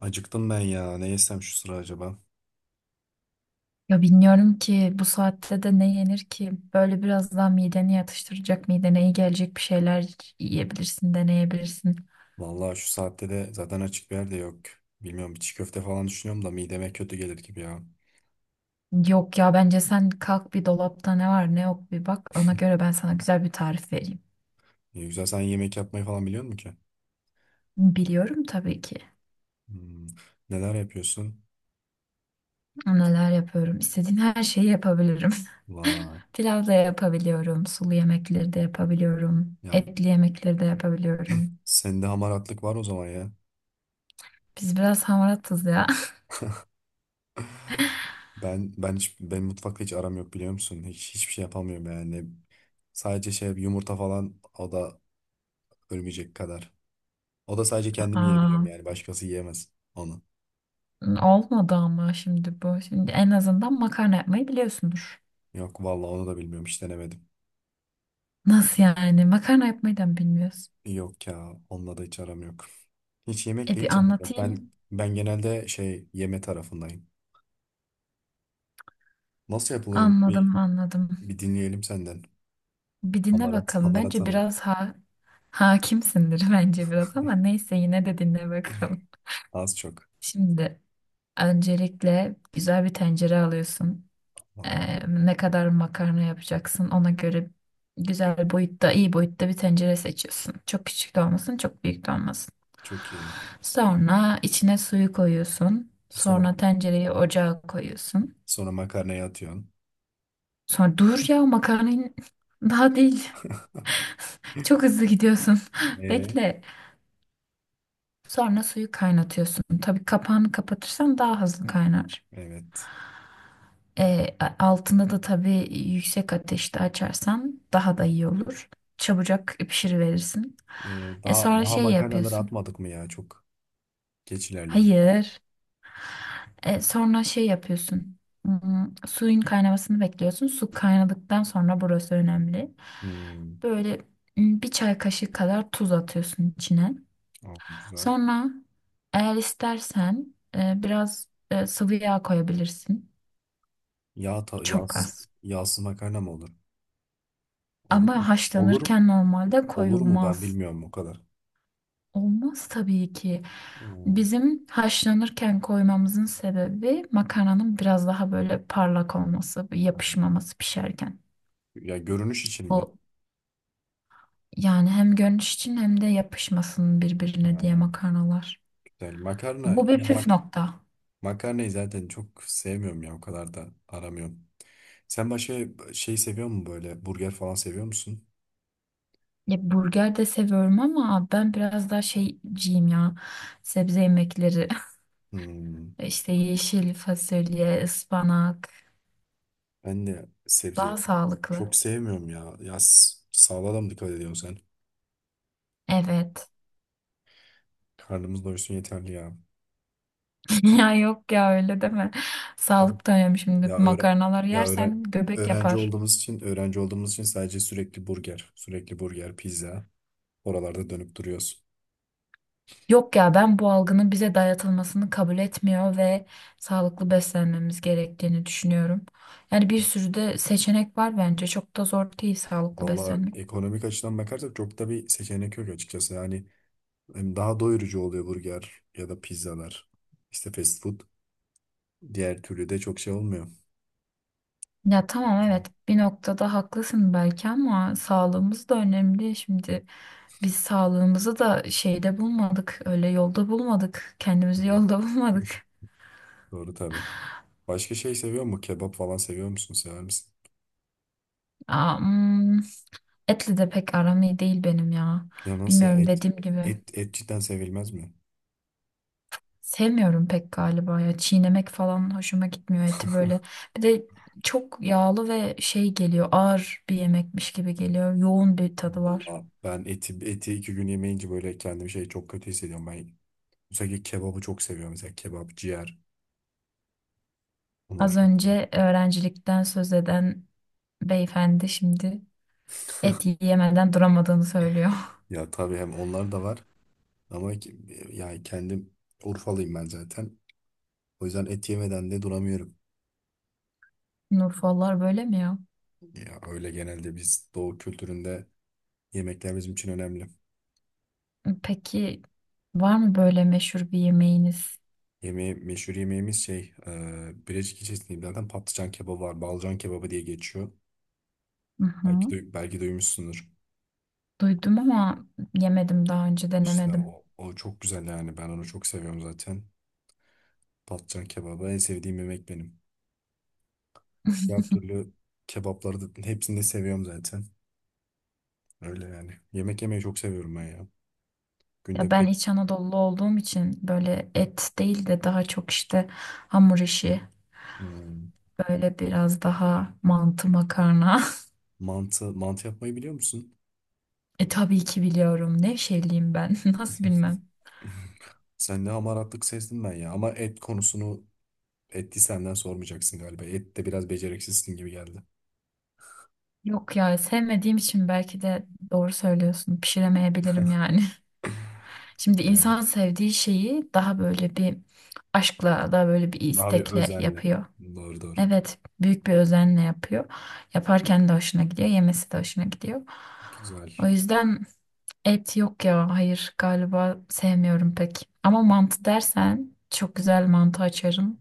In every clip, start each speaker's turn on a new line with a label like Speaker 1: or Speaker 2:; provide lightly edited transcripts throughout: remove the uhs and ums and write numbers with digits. Speaker 1: Acıktım ben ya. Ne yesem şu sıra acaba?
Speaker 2: Ya bilmiyorum ki bu saatte de ne yenir ki? Böyle biraz daha mideni yatıştıracak, midene iyi gelecek bir şeyler yiyebilirsin, deneyebilirsin.
Speaker 1: Vallahi şu saatte de zaten açık bir yer de yok. Bilmiyorum bir çiğ köfte falan düşünüyorum da mideme kötü gelir gibi ya.
Speaker 2: Yok ya bence sen kalk bir dolapta ne var ne yok bir bak. Ona göre ben sana güzel bir tarif vereyim.
Speaker 1: Ne güzel sen yemek yapmayı falan biliyor musun ki?
Speaker 2: Biliyorum tabii ki
Speaker 1: Hmm. Neler yapıyorsun?
Speaker 2: neler yapıyorum. İstediğin her şeyi yapabilirim.
Speaker 1: Vay.
Speaker 2: Pilav da yapabiliyorum, sulu yemekleri de yapabiliyorum,
Speaker 1: Ya
Speaker 2: etli yemekleri de yapabiliyorum.
Speaker 1: sende hamaratlık var o zaman ya.
Speaker 2: Biz biraz hamaratız ya.
Speaker 1: Ben hiç ben mutfakta hiç aram yok biliyor musun? Hiç hiçbir şey yapamıyorum yani. Sadece şey yumurta falan o da ölmeyecek kadar. O da sadece kendim yiyebiliyorum
Speaker 2: Aa.
Speaker 1: yani başkası yiyemez onu.
Speaker 2: Olmadı ama şimdi bu. Şimdi en azından makarna yapmayı biliyorsundur.
Speaker 1: Yok vallahi onu da bilmiyorum hiç denemedim.
Speaker 2: Nasıl yani? Makarna yapmayı da mı bilmiyorsun?
Speaker 1: Yok ya onunla da hiç aram yok. Hiç
Speaker 2: E
Speaker 1: yemekle
Speaker 2: bir
Speaker 1: hiç aram yok. Ben
Speaker 2: anlatayım.
Speaker 1: ben genelde şey yeme tarafındayım. Nasıl yapılıyor bir,
Speaker 2: Anladım, anladım.
Speaker 1: bir dinleyelim senden.
Speaker 2: Bir dinle
Speaker 1: Hamarat,
Speaker 2: bakalım.
Speaker 1: hamarat
Speaker 2: Bence
Speaker 1: hanım.
Speaker 2: biraz hakimsindir bence biraz ama neyse yine de dinle bakalım.
Speaker 1: Az çok.
Speaker 2: Şimdi öncelikle güzel bir tencere alıyorsun.
Speaker 1: Aa,
Speaker 2: Ee, ne kadar makarna yapacaksın ona göre güzel boyutta, iyi boyutta bir tencere seçiyorsun. Çok küçük de olmasın, çok büyük de olmasın.
Speaker 1: çok iyi.
Speaker 2: Sonra içine suyu koyuyorsun.
Speaker 1: Sonra
Speaker 2: Sonra tencereyi ocağa koyuyorsun.
Speaker 1: sonra makarnaya atıyorsun.
Speaker 2: Sonra dur ya makarnayı daha değil. Çok hızlı gidiyorsun.
Speaker 1: Ee,
Speaker 2: Bekle. Sonra suyu kaynatıyorsun. Tabii kapağını kapatırsan daha hızlı kaynar.
Speaker 1: evet.
Speaker 2: E, altını da tabii yüksek ateşte açarsan daha da iyi olur. Çabucak pişiriverirsin.
Speaker 1: Daha
Speaker 2: Sonra
Speaker 1: daha
Speaker 2: şey
Speaker 1: makarnaları
Speaker 2: yapıyorsun.
Speaker 1: atmadık mı ya? Çok geç ilerliyoruz.
Speaker 2: Hayır. Sonra şey yapıyorsun. Hmm, suyun kaynamasını bekliyorsun. Su kaynadıktan sonra burası önemli.
Speaker 1: Hmm,
Speaker 2: Böyle bir çay kaşığı kadar tuz atıyorsun içine.
Speaker 1: aa, güzel.
Speaker 2: Sonra eğer istersen biraz sıvı yağ koyabilirsin.
Speaker 1: Yağ ta-
Speaker 2: Çok
Speaker 1: yağsız
Speaker 2: az.
Speaker 1: yağsız makarna mı olur? Olur mu?
Speaker 2: Ama
Speaker 1: Olur
Speaker 2: haşlanırken normalde
Speaker 1: olur mu? Ben
Speaker 2: koyulmaz.
Speaker 1: bilmiyorum o kadar.
Speaker 2: Olmaz tabii ki.
Speaker 1: Hmm,
Speaker 2: Bizim haşlanırken koymamızın sebebi makarnanın biraz daha böyle parlak olması,
Speaker 1: tamam.
Speaker 2: yapışmaması pişerken.
Speaker 1: Ya görünüş için mi?
Speaker 2: O yani hem görünüş için hem de yapışmasın birbirine
Speaker 1: Ha,
Speaker 2: diye makarnalar.
Speaker 1: güzel. Makarna.
Speaker 2: Bu bir
Speaker 1: Ya
Speaker 2: püf
Speaker 1: bak
Speaker 2: nokta.
Speaker 1: makarnayı zaten çok sevmiyorum ya. O kadar da aramıyorum. Sen başka şey seviyor musun böyle? Burger falan seviyor musun?
Speaker 2: Ya burger de seviyorum ama ben biraz daha şeyciyim ya. Sebze yemekleri,
Speaker 1: Hmm,
Speaker 2: işte yeşil fasulye, ıspanak
Speaker 1: ben de sebze
Speaker 2: daha sağlıklı.
Speaker 1: çok sevmiyorum ya. Ya s- sağlığa da mı dikkat ediyorsun sen?
Speaker 2: Evet.
Speaker 1: Karnımız doysun yeterli ya.
Speaker 2: Ya yok ya öyle deme.
Speaker 1: Bak,
Speaker 2: Sağlık da önemli şimdi.
Speaker 1: ya öğren
Speaker 2: Makarnalar
Speaker 1: ya öğren
Speaker 2: yersen göbek
Speaker 1: öğrenci
Speaker 2: yapar.
Speaker 1: olduğumuz için öğrenci olduğumuz için sadece sürekli burger, sürekli burger, pizza oralarda dönüp duruyoruz.
Speaker 2: Yok ya ben bu algının bize dayatılmasını kabul etmiyor ve sağlıklı beslenmemiz gerektiğini düşünüyorum. Yani bir sürü de seçenek var bence. Çok da zor değil sağlıklı
Speaker 1: Valla
Speaker 2: beslenmek.
Speaker 1: ekonomik açıdan bakarsak çok da bir seçenek yok açıkçası. Yani hem daha doyurucu oluyor burger ya da pizzalar. İşte fast food. Diğer türlü de çok şey olmuyor.
Speaker 2: Ya tamam evet bir noktada haklısın belki ama sağlığımız da önemli. Şimdi biz sağlığımızı da şeyde bulmadık. Öyle yolda bulmadık. Kendimizi
Speaker 1: Tabii.
Speaker 2: yolda bulmadık.
Speaker 1: Doğru tabii. Başka şey seviyor mu? Kebap falan seviyor musun? Sever misin?
Speaker 2: Aa, hmm, etle de pek aram iyi değil benim ya.
Speaker 1: Ya nasıl ya
Speaker 2: Bilmiyorum
Speaker 1: et?
Speaker 2: dediğim gibi.
Speaker 1: Et, et cidden sevilmez mi?
Speaker 2: Sevmiyorum pek galiba ya. Çiğnemek falan hoşuma gitmiyor eti böyle. Bir de çok yağlı ve şey geliyor. Ağır bir yemekmiş gibi geliyor. Yoğun bir tadı var.
Speaker 1: Valla ben eti, eti iki gün yemeyince böyle kendimi şey çok kötü hissediyorum. Ben özellikle kebabı çok seviyorum. Mesela kebap, ciğer. Onları
Speaker 2: Az
Speaker 1: çok seviyorum.
Speaker 2: önce öğrencilikten söz eden beyefendi şimdi et yiyemeden duramadığını söylüyor.
Speaker 1: Ya tabii hem onlar da var. Ama ki- yani kendim Urfalıyım ben zaten. O yüzden et yemeden de duramıyorum.
Speaker 2: Nurfallar böyle mi ya?
Speaker 1: Ya öyle genelde biz Doğu kültüründe yemekler bizim için önemli.
Speaker 2: Peki var mı böyle meşhur bir yemeğiniz?
Speaker 1: Yemeği, meşhur yemeğimiz şey, Birecik ilçesinde zaten patlıcan kebabı var. Balcan kebabı diye geçiyor.
Speaker 2: Hı hı.
Speaker 1: Belki de, belki duymuşsundur.
Speaker 2: Duydum ama yemedim daha önce
Speaker 1: İşte
Speaker 2: denemedim.
Speaker 1: o, o çok güzel yani. Ben onu çok seviyorum zaten. Patlıcan kebabı en sevdiğim yemek benim. Diğer türlü kebapları da hepsini de seviyorum zaten. Öyle yani. Yemek yemeyi çok seviyorum ben ya.
Speaker 2: Ya
Speaker 1: Günde
Speaker 2: ben
Speaker 1: bir.
Speaker 2: İç Anadolu olduğum için böyle et değil de daha çok işte hamur işi
Speaker 1: Hmm.
Speaker 2: böyle biraz daha mantı makarna.
Speaker 1: Mantı, mantı yapmayı biliyor musun?
Speaker 2: E tabii ki biliyorum. Nevşehirliyim ben. Nasıl bilmem.
Speaker 1: Sen ne hamaratlık sezdin ben ya. Ama et konusunu etti senden sormayacaksın galiba. Et de biraz beceriksizsin gibi geldi.
Speaker 2: Yok ya sevmediğim için belki de doğru söylüyorsun. Pişiremeyebilirim yani. Şimdi
Speaker 1: Yani.
Speaker 2: insan sevdiği şeyi daha böyle bir aşkla, daha böyle bir
Speaker 1: Abi
Speaker 2: istekle
Speaker 1: özenli.
Speaker 2: yapıyor.
Speaker 1: Doğru doğru.
Speaker 2: Evet, büyük bir özenle yapıyor. Yaparken de hoşuna gidiyor, yemesi de hoşuna gidiyor.
Speaker 1: Güzel.
Speaker 2: O yüzden et yok ya, hayır galiba sevmiyorum pek. Ama mantı dersen çok güzel mantı açarım.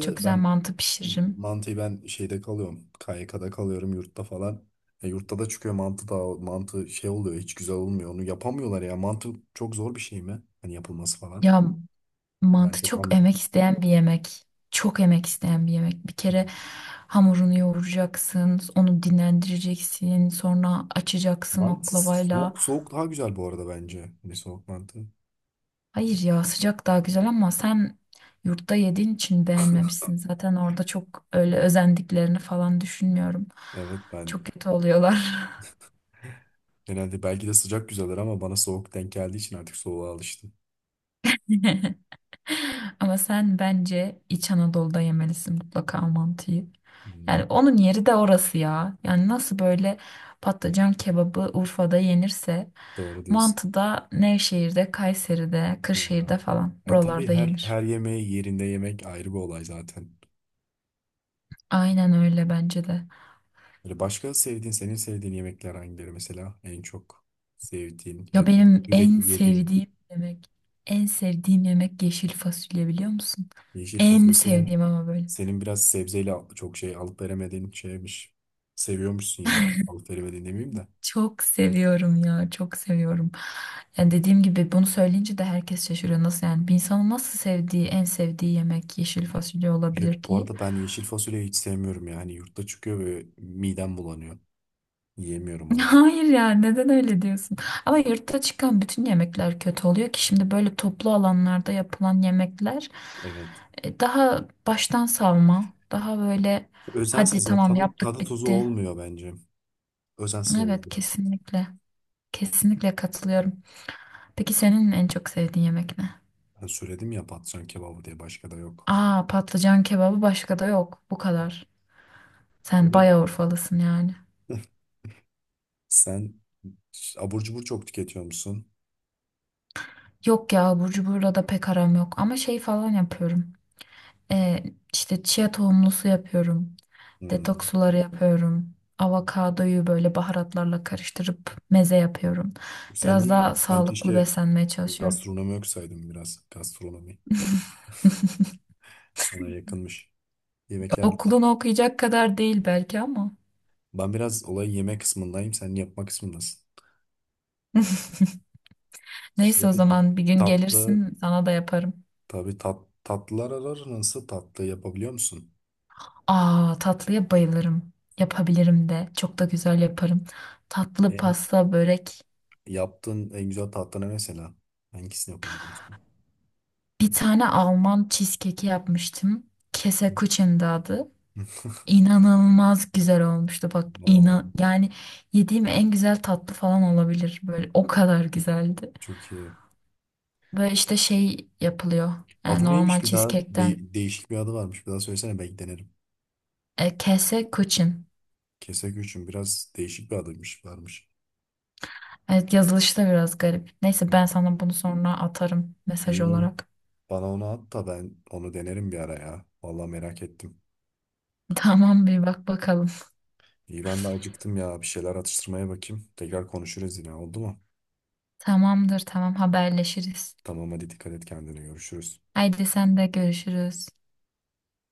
Speaker 2: Çok güzel
Speaker 1: ben
Speaker 2: mantı pişiririm.
Speaker 1: mantıyı ben şeyde kalıyorum. KYK'da kalıyorum yurtta falan. Yurtta da çıkıyor mantı da mantı şey oluyor hiç güzel olmuyor. Onu yapamıyorlar ya. Mantı çok zor bir şey mi? Hani yapılması falan.
Speaker 2: Ya
Speaker 1: Ben
Speaker 2: mantı
Speaker 1: çok
Speaker 2: çok
Speaker 1: an
Speaker 2: emek isteyen bir yemek. Bir kere hamurunu yoğuracaksın, onu dinlendireceksin, sonra açacaksın
Speaker 1: Mantı
Speaker 2: oklavayla.
Speaker 1: soğuk soğuk daha güzel bu arada bence. Hani soğuk mantı.
Speaker 2: Hayır ya sıcak daha güzel ama sen yurtta yediğin için beğenmemişsin. Zaten orada çok öyle özendiklerini falan düşünmüyorum.
Speaker 1: Evet
Speaker 2: Çok
Speaker 1: ben
Speaker 2: kötü oluyorlar.
Speaker 1: genelde belki de sıcak güzeldir ama bana soğuk denk geldiği için artık soğuğa alıştım.
Speaker 2: Ama sen bence İç Anadolu'da yemelisin mutlaka mantıyı.
Speaker 1: Hmm,
Speaker 2: Yani onun yeri de orası ya. Yani nasıl böyle patlıcan kebabı Urfa'da yenirse
Speaker 1: doğru diyorsun.
Speaker 2: mantı da Nevşehir'de, Kayseri'de,
Speaker 1: Ha.
Speaker 2: Kırşehir'de falan
Speaker 1: Ya tabii
Speaker 2: buralarda
Speaker 1: her
Speaker 2: yenir.
Speaker 1: her yemeği yerinde yemek ayrı bir olay zaten.
Speaker 2: Aynen öyle bence de.
Speaker 1: Böyle başka sevdiğin, senin sevdiğin yemekler hangileri mesela en çok sevdiğin
Speaker 2: Ya
Speaker 1: ya da
Speaker 2: benim en
Speaker 1: sürekli yediğin
Speaker 2: sevdiğim yemek, en sevdiğim yemek yeşil fasulye biliyor musun?
Speaker 1: yeşil
Speaker 2: En
Speaker 1: fasulye senin
Speaker 2: sevdiğim ama böyle.
Speaker 1: senin biraz sebzeyle çok şey alıp veremediğin şeymiş. Seviyormuşsun yani. Alıp veremediğin demeyeyim de.
Speaker 2: Çok seviyorum ya, çok seviyorum. Yani dediğim gibi bunu söyleyince de herkes şaşırıyor. Nasıl yani bir insanın nasıl sevdiği, en sevdiği yemek yeşil fasulye
Speaker 1: Evet,
Speaker 2: olabilir
Speaker 1: bu
Speaker 2: diye.
Speaker 1: arada ben yeşil fasulyeyi hiç sevmiyorum yani yurtta çıkıyor ve midem bulanıyor. Yiyemiyorum öyle.
Speaker 2: Hayır ya neden öyle diyorsun? Ama yurtta çıkan bütün yemekler kötü oluyor ki şimdi böyle toplu alanlarda yapılan yemekler
Speaker 1: Evet.
Speaker 2: daha baştan savma, daha böyle hadi
Speaker 1: Özensiz ya
Speaker 2: tamam
Speaker 1: tadı,
Speaker 2: yaptık
Speaker 1: tadı tuzu
Speaker 2: bitti.
Speaker 1: olmuyor bence. Özensiz olur
Speaker 2: Evet
Speaker 1: biraz.
Speaker 2: kesinlikle. Kesinlikle katılıyorum. Peki senin en çok sevdiğin yemek ne?
Speaker 1: Ben söyledim ya patlıcan kebabı diye başka da yok.
Speaker 2: Aa patlıcan kebabı başka da yok. Bu kadar. Sen
Speaker 1: Öyle mi?
Speaker 2: bayağı Urfalısın yani.
Speaker 1: Sen abur cubur çok tüketiyor musun?
Speaker 2: Yok ya burcu burada da pek aram yok ama şey falan yapıyorum. E, işte chia tohumlu su yapıyorum. Detoks
Speaker 1: Hmm.
Speaker 2: suları yapıyorum. Avokadoyu böyle baharatlarla karıştırıp meze yapıyorum.
Speaker 1: Sen
Speaker 2: Biraz
Speaker 1: niye?
Speaker 2: daha
Speaker 1: Sen
Speaker 2: sağlıklı
Speaker 1: keşke
Speaker 2: beslenmeye çalışıyorum.
Speaker 1: gastronomi okusaydın biraz. Gastronomi sana yakınmış. Yemekler.
Speaker 2: Okulunu okuyacak kadar değil belki ama.
Speaker 1: Ben biraz olay yeme kısmındayım. Sen yapma kısmındasın.
Speaker 2: Neyse
Speaker 1: Şey
Speaker 2: o
Speaker 1: peki.
Speaker 2: zaman bir gün
Speaker 1: Tatlı
Speaker 2: gelirsin sana da yaparım.
Speaker 1: tabii tat, tatlılar arar nasıl tatlı yapabiliyor musun?
Speaker 2: Aa tatlıya bayılırım. Yapabilirim de. Çok da güzel yaparım. Tatlı
Speaker 1: E,
Speaker 2: pasta börek.
Speaker 1: yaptığın en güzel tatlı ne mesela? Hangisini yapabiliyorsun?
Speaker 2: Bir tane Alman cheesecake'i yapmıştım. Kese adı. İnanılmaz güzel olmuştu bak
Speaker 1: Oo,
Speaker 2: inan yani yediğim en güzel tatlı falan olabilir böyle o kadar güzeldi.
Speaker 1: çok iyi.
Speaker 2: Böyle işte şey yapılıyor
Speaker 1: Adı
Speaker 2: normal
Speaker 1: neymiş bir daha?
Speaker 2: cheesecake'ten
Speaker 1: De- değişik bir adı varmış. Bir daha söylesene belki denerim.
Speaker 2: kese kuchen.
Speaker 1: Keseküçüm biraz değişik bir adıymış varmış.
Speaker 2: Evet yazılışı da biraz garip. Neyse
Speaker 1: Hı.
Speaker 2: ben sana bunu sonra atarım mesaj
Speaker 1: İyi.
Speaker 2: olarak.
Speaker 1: Bana onu at da ben onu denerim bir ara ya. Vallahi merak ettim.
Speaker 2: Tamam bir bak bakalım.
Speaker 1: İyi ben de acıktım ya. Bir şeyler atıştırmaya bakayım. Tekrar konuşuruz yine oldu mu?
Speaker 2: Tamamdır tamam haberleşiriz.
Speaker 1: Tamam hadi dikkat et kendine görüşürüz.
Speaker 2: Haydi sen de görüşürüz.